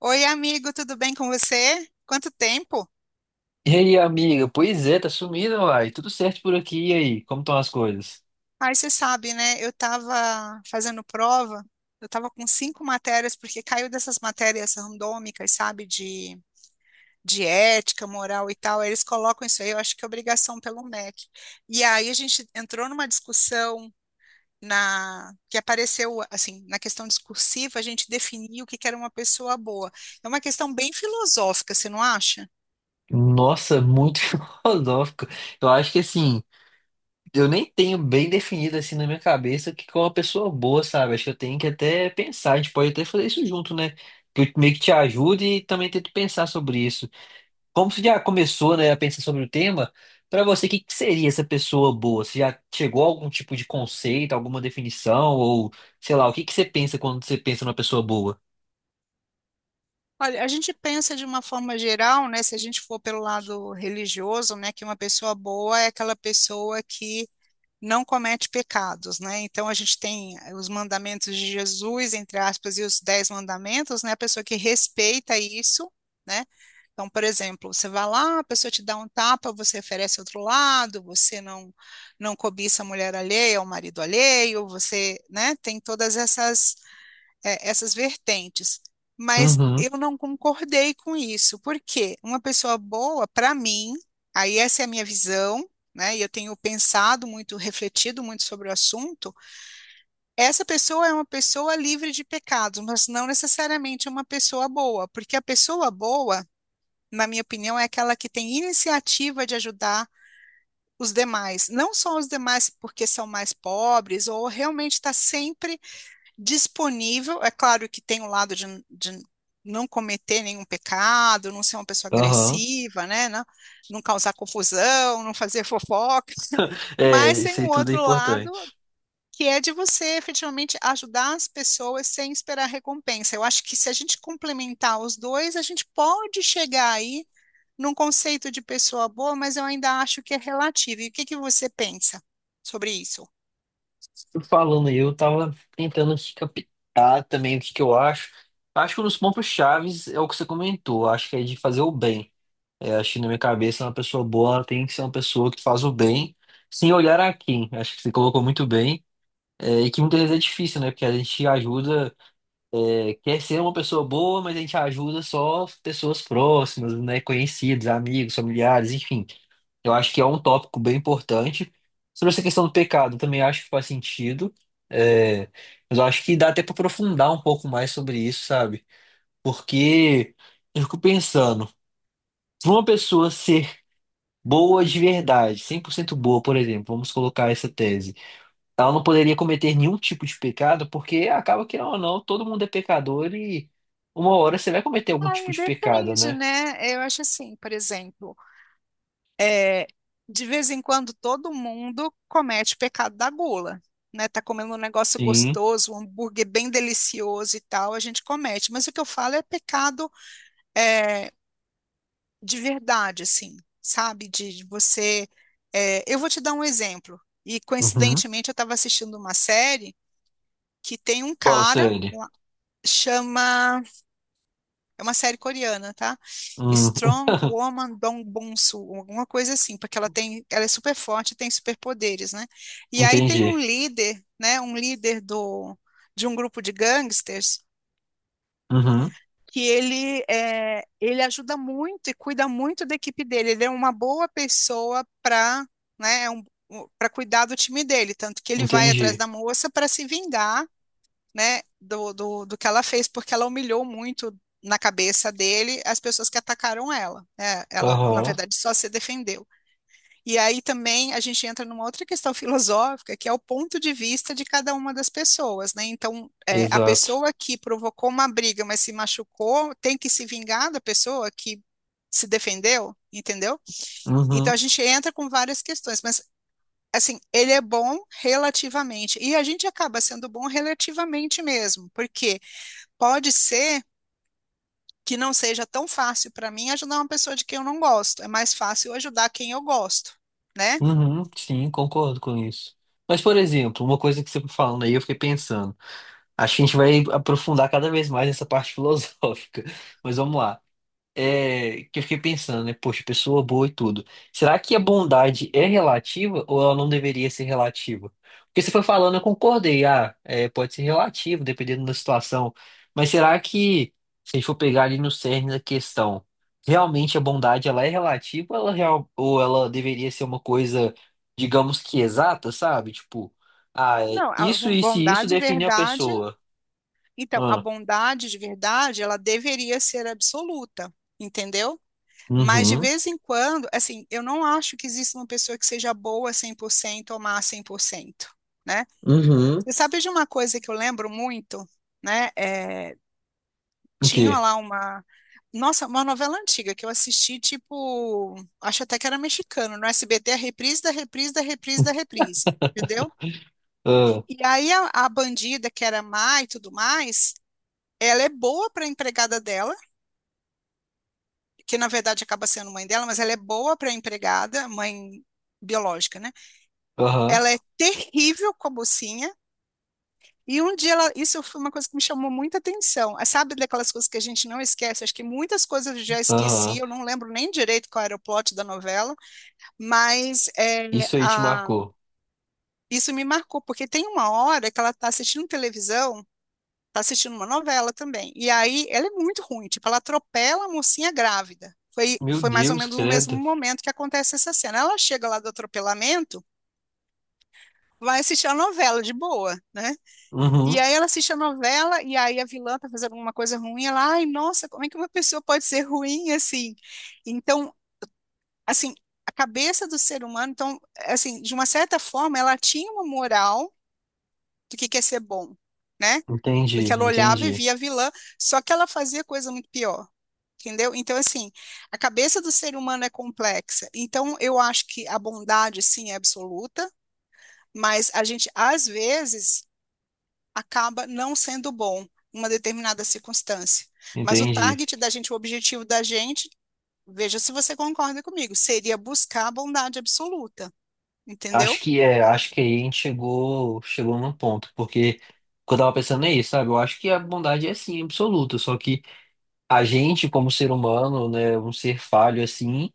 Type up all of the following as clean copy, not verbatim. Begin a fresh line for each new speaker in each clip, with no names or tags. Oi, amigo, tudo bem com você? Quanto tempo?
E aí, amiga? Pois é, tá sumindo, uai. Tudo certo por aqui, e aí? Como estão as coisas?
Aí você sabe, né? Eu estava fazendo prova, eu estava com 5 matérias, porque caiu dessas matérias randômicas, sabe? De ética, moral e tal. Aí eles colocam isso aí, eu acho que é obrigação pelo MEC. E aí a gente entrou numa discussão na que apareceu, assim, na questão discursiva, a gente definiu o que que era uma pessoa boa. É uma questão bem filosófica, você não acha?
Nossa, muito filosófico. Eu acho que assim, eu nem tenho bem definido assim na minha cabeça o que que é uma pessoa boa, sabe? Acho que eu tenho que até pensar, a gente pode até fazer isso junto, né? Que eu meio que te ajude e também tento pensar sobre isso. Como você já começou, né, a pensar sobre o tema, pra você, o que que seria essa pessoa boa? Você já chegou a algum tipo de conceito, alguma definição, ou sei lá, o que que você pensa quando você pensa numa pessoa boa?
Olha, a gente pensa de uma forma geral, né? Se a gente for pelo lado religioso, né, que uma pessoa boa é aquela pessoa que não comete pecados, né? Então a gente tem os mandamentos de Jesus, entre aspas, e os 10 mandamentos, né? A pessoa que respeita isso, né? Então, por exemplo, você vai lá, a pessoa te dá um tapa, você oferece outro lado, você não cobiça a mulher alheia, o marido alheio, você, né? Tem todas essas essas vertentes. Mas
Uhum.
eu não concordei com isso, porque uma pessoa boa, para mim, aí essa é a minha visão, né? E eu tenho pensado muito, refletido muito sobre o assunto. Essa pessoa é uma pessoa livre de pecados, mas não necessariamente uma pessoa boa, porque a pessoa boa, na minha opinião, é aquela que tem iniciativa de ajudar os demais, não só os demais porque são mais pobres ou realmente está sempre disponível. É claro que tem o lado de não cometer nenhum pecado, não ser uma pessoa
Aham.
agressiva, né? Não, não causar confusão, não fazer fofoca.
É,
Mas
isso
tem um
aí tudo é
outro lado
importante.
que é de você efetivamente ajudar as pessoas sem esperar recompensa. Eu acho que se a gente complementar os dois, a gente pode chegar aí num conceito de pessoa boa, mas eu ainda acho que é relativo. E o que que você pensa sobre isso?
Tu Falando aí, eu tava tentando aqui captar também o que que eu acho. Acho que um dos pontos-chaves é o que você comentou. Acho que é de fazer o bem. É, acho que na minha cabeça, uma pessoa boa ela tem que ser uma pessoa que faz o bem, sem olhar a quem. Acho que você colocou muito bem. É, e que muitas vezes é difícil, né? Porque a gente ajuda, é, quer ser uma pessoa boa, mas a gente ajuda só pessoas próximas, né? Conhecidos, amigos, familiares, enfim. Eu acho que é um tópico bem importante. Sobre essa questão do pecado, eu também acho que faz sentido. É, mas eu acho que dá até para aprofundar um pouco mais sobre isso, sabe? Porque eu fico pensando, se uma pessoa ser boa de verdade, 100% boa, por exemplo, vamos colocar essa tese, ela não poderia cometer nenhum tipo de pecado, porque acaba que, não, não, todo mundo é pecador e uma hora você vai cometer algum tipo
Aí
de pecado,
depende,
né?
né? Eu acho assim, por exemplo. É, de vez em quando todo mundo comete o pecado da gula, né? Tá comendo um negócio
Sim.
gostoso, um hambúrguer bem delicioso e tal, a gente comete. Mas o que eu falo é pecado é, de verdade, assim, sabe? De você. Eu vou te dar um exemplo. E
Uhum.
coincidentemente eu estava assistindo uma série que tem um
Qual
cara,
série?
lá, chama. É uma série coreana, tá?
Hum,
Strong Woman Dong Bong-soo, alguma coisa assim, porque ela tem, ela é super forte, tem superpoderes, né? E aí tem um
entendi.
líder, né? Um líder de um grupo de gangsters
Uhum.
que ele ajuda muito e cuida muito da equipe dele. Ele é uma boa pessoa para, né? É um, para cuidar do time dele, tanto que ele vai atrás
Entendi.
da moça para se vingar né, do que ela fez, porque ela humilhou muito na cabeça dele as pessoas que atacaram ela. Né? Ela, na
Aham,
verdade, só se defendeu. E aí também a gente entra numa outra questão filosófica, que é o ponto de vista de cada uma das pessoas, né? Então, a
exato.
pessoa que provocou uma briga, mas se machucou, tem que se vingar da pessoa que se defendeu, entendeu? Então a
Uhum,
gente entra com várias questões, mas assim, ele é bom relativamente, e a gente acaba sendo bom relativamente mesmo, porque pode ser que não seja tão fácil para mim ajudar uma pessoa de quem eu não gosto. É mais fácil eu ajudar quem eu gosto, né?
uhum, sim, concordo com isso. Mas, por exemplo, uma coisa que você foi falando aí, eu fiquei pensando. Acho que a gente vai aprofundar cada vez mais essa parte filosófica. Mas vamos lá. É, que eu fiquei pensando, né? Poxa, pessoa boa e tudo. Será que a bondade é relativa ou ela não deveria ser relativa? Porque você foi falando, eu concordei. Ah, é, pode ser relativo, dependendo da situação. Mas será que, se a gente for pegar ali no cerne da questão, realmente a bondade ela é relativa ou ela, real, ou ela deveria ser uma coisa, digamos que exata, sabe? Tipo, ah, é
Não, a
isso, isso e isso
bondade e
define a
verdade.
pessoa.
Então, a
Ah,
bondade de verdade, ela deveria ser absoluta, entendeu? Mas de
uhum,
vez em quando, assim, eu não acho que exista uma pessoa que seja boa 100% ou má 100%, né?
uhum.
Você sabe de uma coisa que eu lembro muito, né?
O
Tinha
quê?
lá uma. Nossa, uma novela antiga que eu assisti, tipo. Acho até que era mexicano, no SBT, a reprise da reprise da reprise da reprise. Entendeu?
Ah,
E aí a bandida, que era má e tudo mais, ela é boa para empregada dela, que na verdade acaba sendo mãe dela, mas ela é boa para empregada, mãe biológica, né?
Aham.
Ela é terrível com a mocinha. E um dia ela, isso foi uma coisa que me chamou muita atenção. Ah, sabe daquelas coisas que a gente não esquece? Acho que muitas coisas eu já esqueci,
Aham.
eu não lembro nem direito qual era o plot da novela, mas é,
Isso aí te
a-
marcou.
isso me marcou, porque tem uma hora que ela está assistindo televisão, está assistindo uma novela também. E aí ela é muito ruim, tipo, ela atropela a mocinha grávida.
Meu
Foi mais ou
Deus,
menos no mesmo
credo.
momento que acontece essa cena. Ela chega lá do atropelamento, vai assistir a novela de boa, né? E
Uhum.
aí ela assiste a novela e aí a vilã tá fazendo alguma coisa ruim, ela, ai, nossa, como é que uma pessoa pode ser ruim assim? Então, assim, a cabeça do ser humano, então, assim, de uma certa forma, ela tinha uma moral do que quer ser bom, né?
Entendi,
Porque ela olhava e
entendi,
via a vilã, só que ela fazia coisa muito pior. Entendeu? Então, assim, a cabeça do ser humano é complexa. Então, eu acho que a bondade, sim, é absoluta, mas a gente, às vezes, acaba não sendo bom em uma determinada circunstância. Mas o
entendi.
target da gente, o objetivo da gente, veja se você concorda comigo, seria buscar a bondade absoluta,
Acho
entendeu?
que é, acho que aí a gente chegou num ponto, porque o que eu tava pensando é isso, sabe? Eu acho que a bondade é sim absoluta, só que a gente, como ser humano, né, um ser falho assim,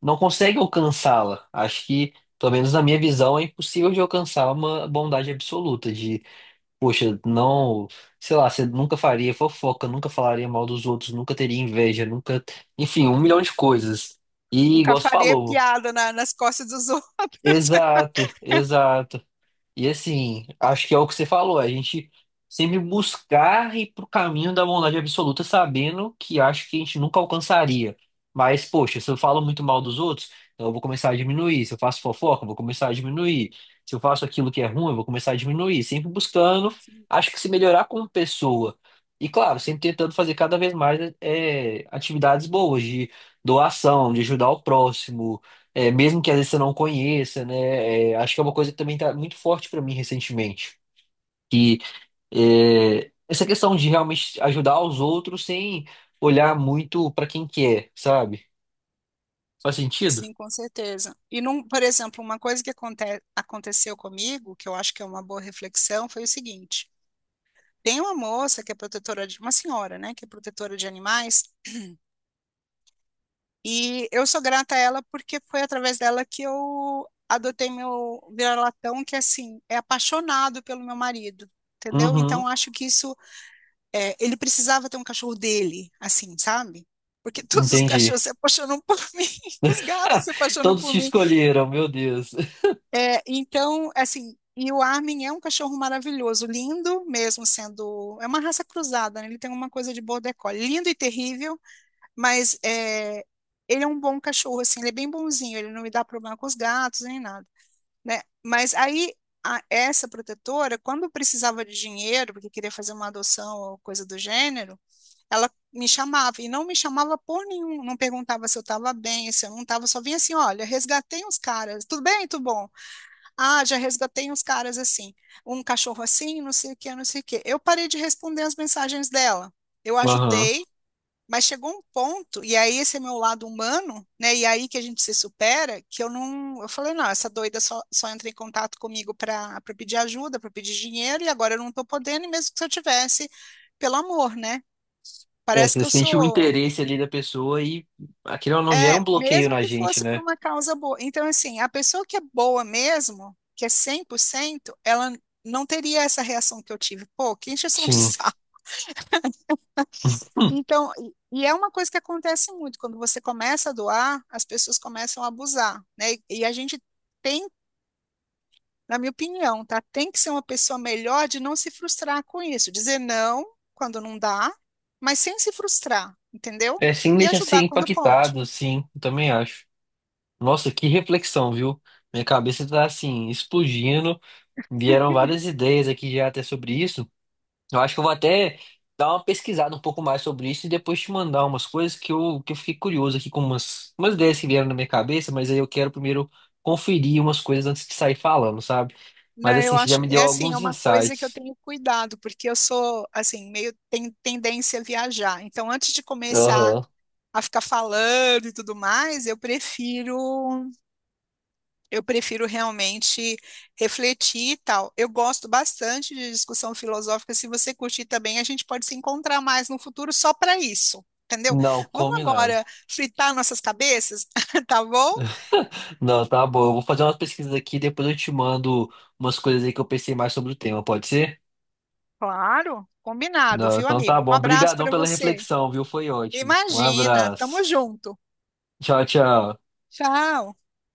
não consegue alcançá-la. Acho que, pelo menos na minha visão, é impossível de alcançar uma bondade absoluta, de Poxa, não, sei lá, você nunca faria fofoca, nunca falaria mal dos outros, nunca teria inveja, nunca, enfim, 1 milhão de coisas. E
Nunca
igual você
faria
falou.
piada nas costas dos outros.
Exato, exato. E assim, acho que é o que você falou, a gente sempre buscar ir pro caminho da bondade absoluta, sabendo que acho que a gente nunca alcançaria. Mas, poxa, se eu falo muito mal dos outros, então eu vou começar a diminuir. Se eu faço fofoca, eu vou começar a diminuir. Se eu faço aquilo que é ruim, eu vou começar a diminuir. Sempre buscando, acho que se melhorar como pessoa. E claro, sempre tentando fazer cada vez mais é, atividades boas de doação, de ajudar o próximo é, mesmo que às vezes você não conheça, né? É, acho que é uma coisa que também tá muito forte para mim recentemente. Que é, essa questão de realmente ajudar os outros sem olhar muito para quem que é, sabe? Faz sentido?
Sim, com certeza. E, não, por exemplo, uma coisa que aconteceu comigo, que eu acho que é uma boa reflexão, foi o seguinte: tem uma moça que é protetora de, uma senhora, né, que é protetora de animais. E eu sou grata a ela porque foi através dela que eu adotei meu vira-latão, que assim, é apaixonado pelo meu marido, entendeu?
Uhum,
Então acho que isso, é, ele precisava ter um cachorro dele, assim, sabe? Porque todos os
entendi.
cachorros se apaixonam por mim, os gatos se apaixonam
Todos
por
te
mim.
escolheram, meu Deus.
É, então, assim, e o Armin é um cachorro maravilhoso, lindo mesmo sendo, é uma raça cruzada, né? Ele tem uma coisa de border collie, lindo e terrível mas é, ele é um bom cachorro, assim, ele é bem bonzinho, ele não me dá problema com os gatos nem nada, né? Mas aí essa protetora, quando precisava de dinheiro, porque queria fazer uma adoção ou coisa do gênero, ela me chamava e não me chamava por nenhum, não perguntava se eu estava bem, se eu não estava, só vinha assim, olha, resgatei uns caras, tudo bem, tudo bom? Ah, já resgatei uns caras assim, um cachorro assim, não sei o que, não sei o que. Eu parei de responder as mensagens dela. Eu
Aham.
ajudei, mas chegou um ponto, e aí esse é meu lado humano, né? E aí que a gente se supera, que eu não, eu falei, não, essa doida só entra em contato comigo para pedir ajuda, para pedir dinheiro, e agora eu não estou podendo, e mesmo que se eu tivesse, pelo amor, né?
É,
Parece
você
que eu
sente o
sou,
interesse ali da pessoa e aquilo não gera
é,
um bloqueio
mesmo
na
que
gente,
fosse por
né?
uma causa boa. Então, assim, a pessoa que é boa mesmo, que é 100%, ela não teria essa reação que eu tive. Pô, que encheção de
Sim.
saco.
Hum,
Então, e é uma coisa que acontece muito, quando você começa a doar, as pessoas começam a abusar, né? E a gente tem, na minha opinião, tá? Tem que ser uma pessoa melhor de não se frustrar com isso, dizer não quando não dá, mas sem se frustrar, entendeu?
É, sim,
E
deixa ser
ajudar quando pode.
impactado, sim, eu também acho. Nossa, que reflexão, viu? Minha cabeça tá assim, explodindo. Vieram várias ideias aqui já até sobre isso. Eu acho que eu vou até dar uma pesquisada um pouco mais sobre isso e depois te mandar umas coisas que eu fiquei curioso aqui com umas ideias que vieram na minha cabeça, mas aí eu quero primeiro conferir umas coisas antes de sair falando, sabe? Mas
Não, eu
assim, você já
acho,
me
é
deu
assim, é
alguns
uma coisa que eu
insights.
tenho cuidado, porque eu sou, assim, meio tem tendência a viajar. Então, antes de começar
Aham.
a ficar falando e tudo mais, eu prefiro. Eu prefiro realmente refletir e tal. Eu gosto bastante de discussão filosófica. Se você curtir também, a gente pode se encontrar mais no futuro só para isso, entendeu?
Não,
Vamos
combinado.
agora fritar nossas cabeças, tá bom?
Não, tá bom. Eu vou fazer umas pesquisas aqui, depois eu te mando umas coisas aí que eu pensei mais sobre o tema, pode ser?
Claro, combinado,
Não,
viu,
então tá
amigo? Um
bom.
abraço
Obrigadão
para
pela
você.
reflexão, viu? Foi ótimo. Um
Imagina, tamo
abraço.
junto.
Tchau, tchau.
Tchau.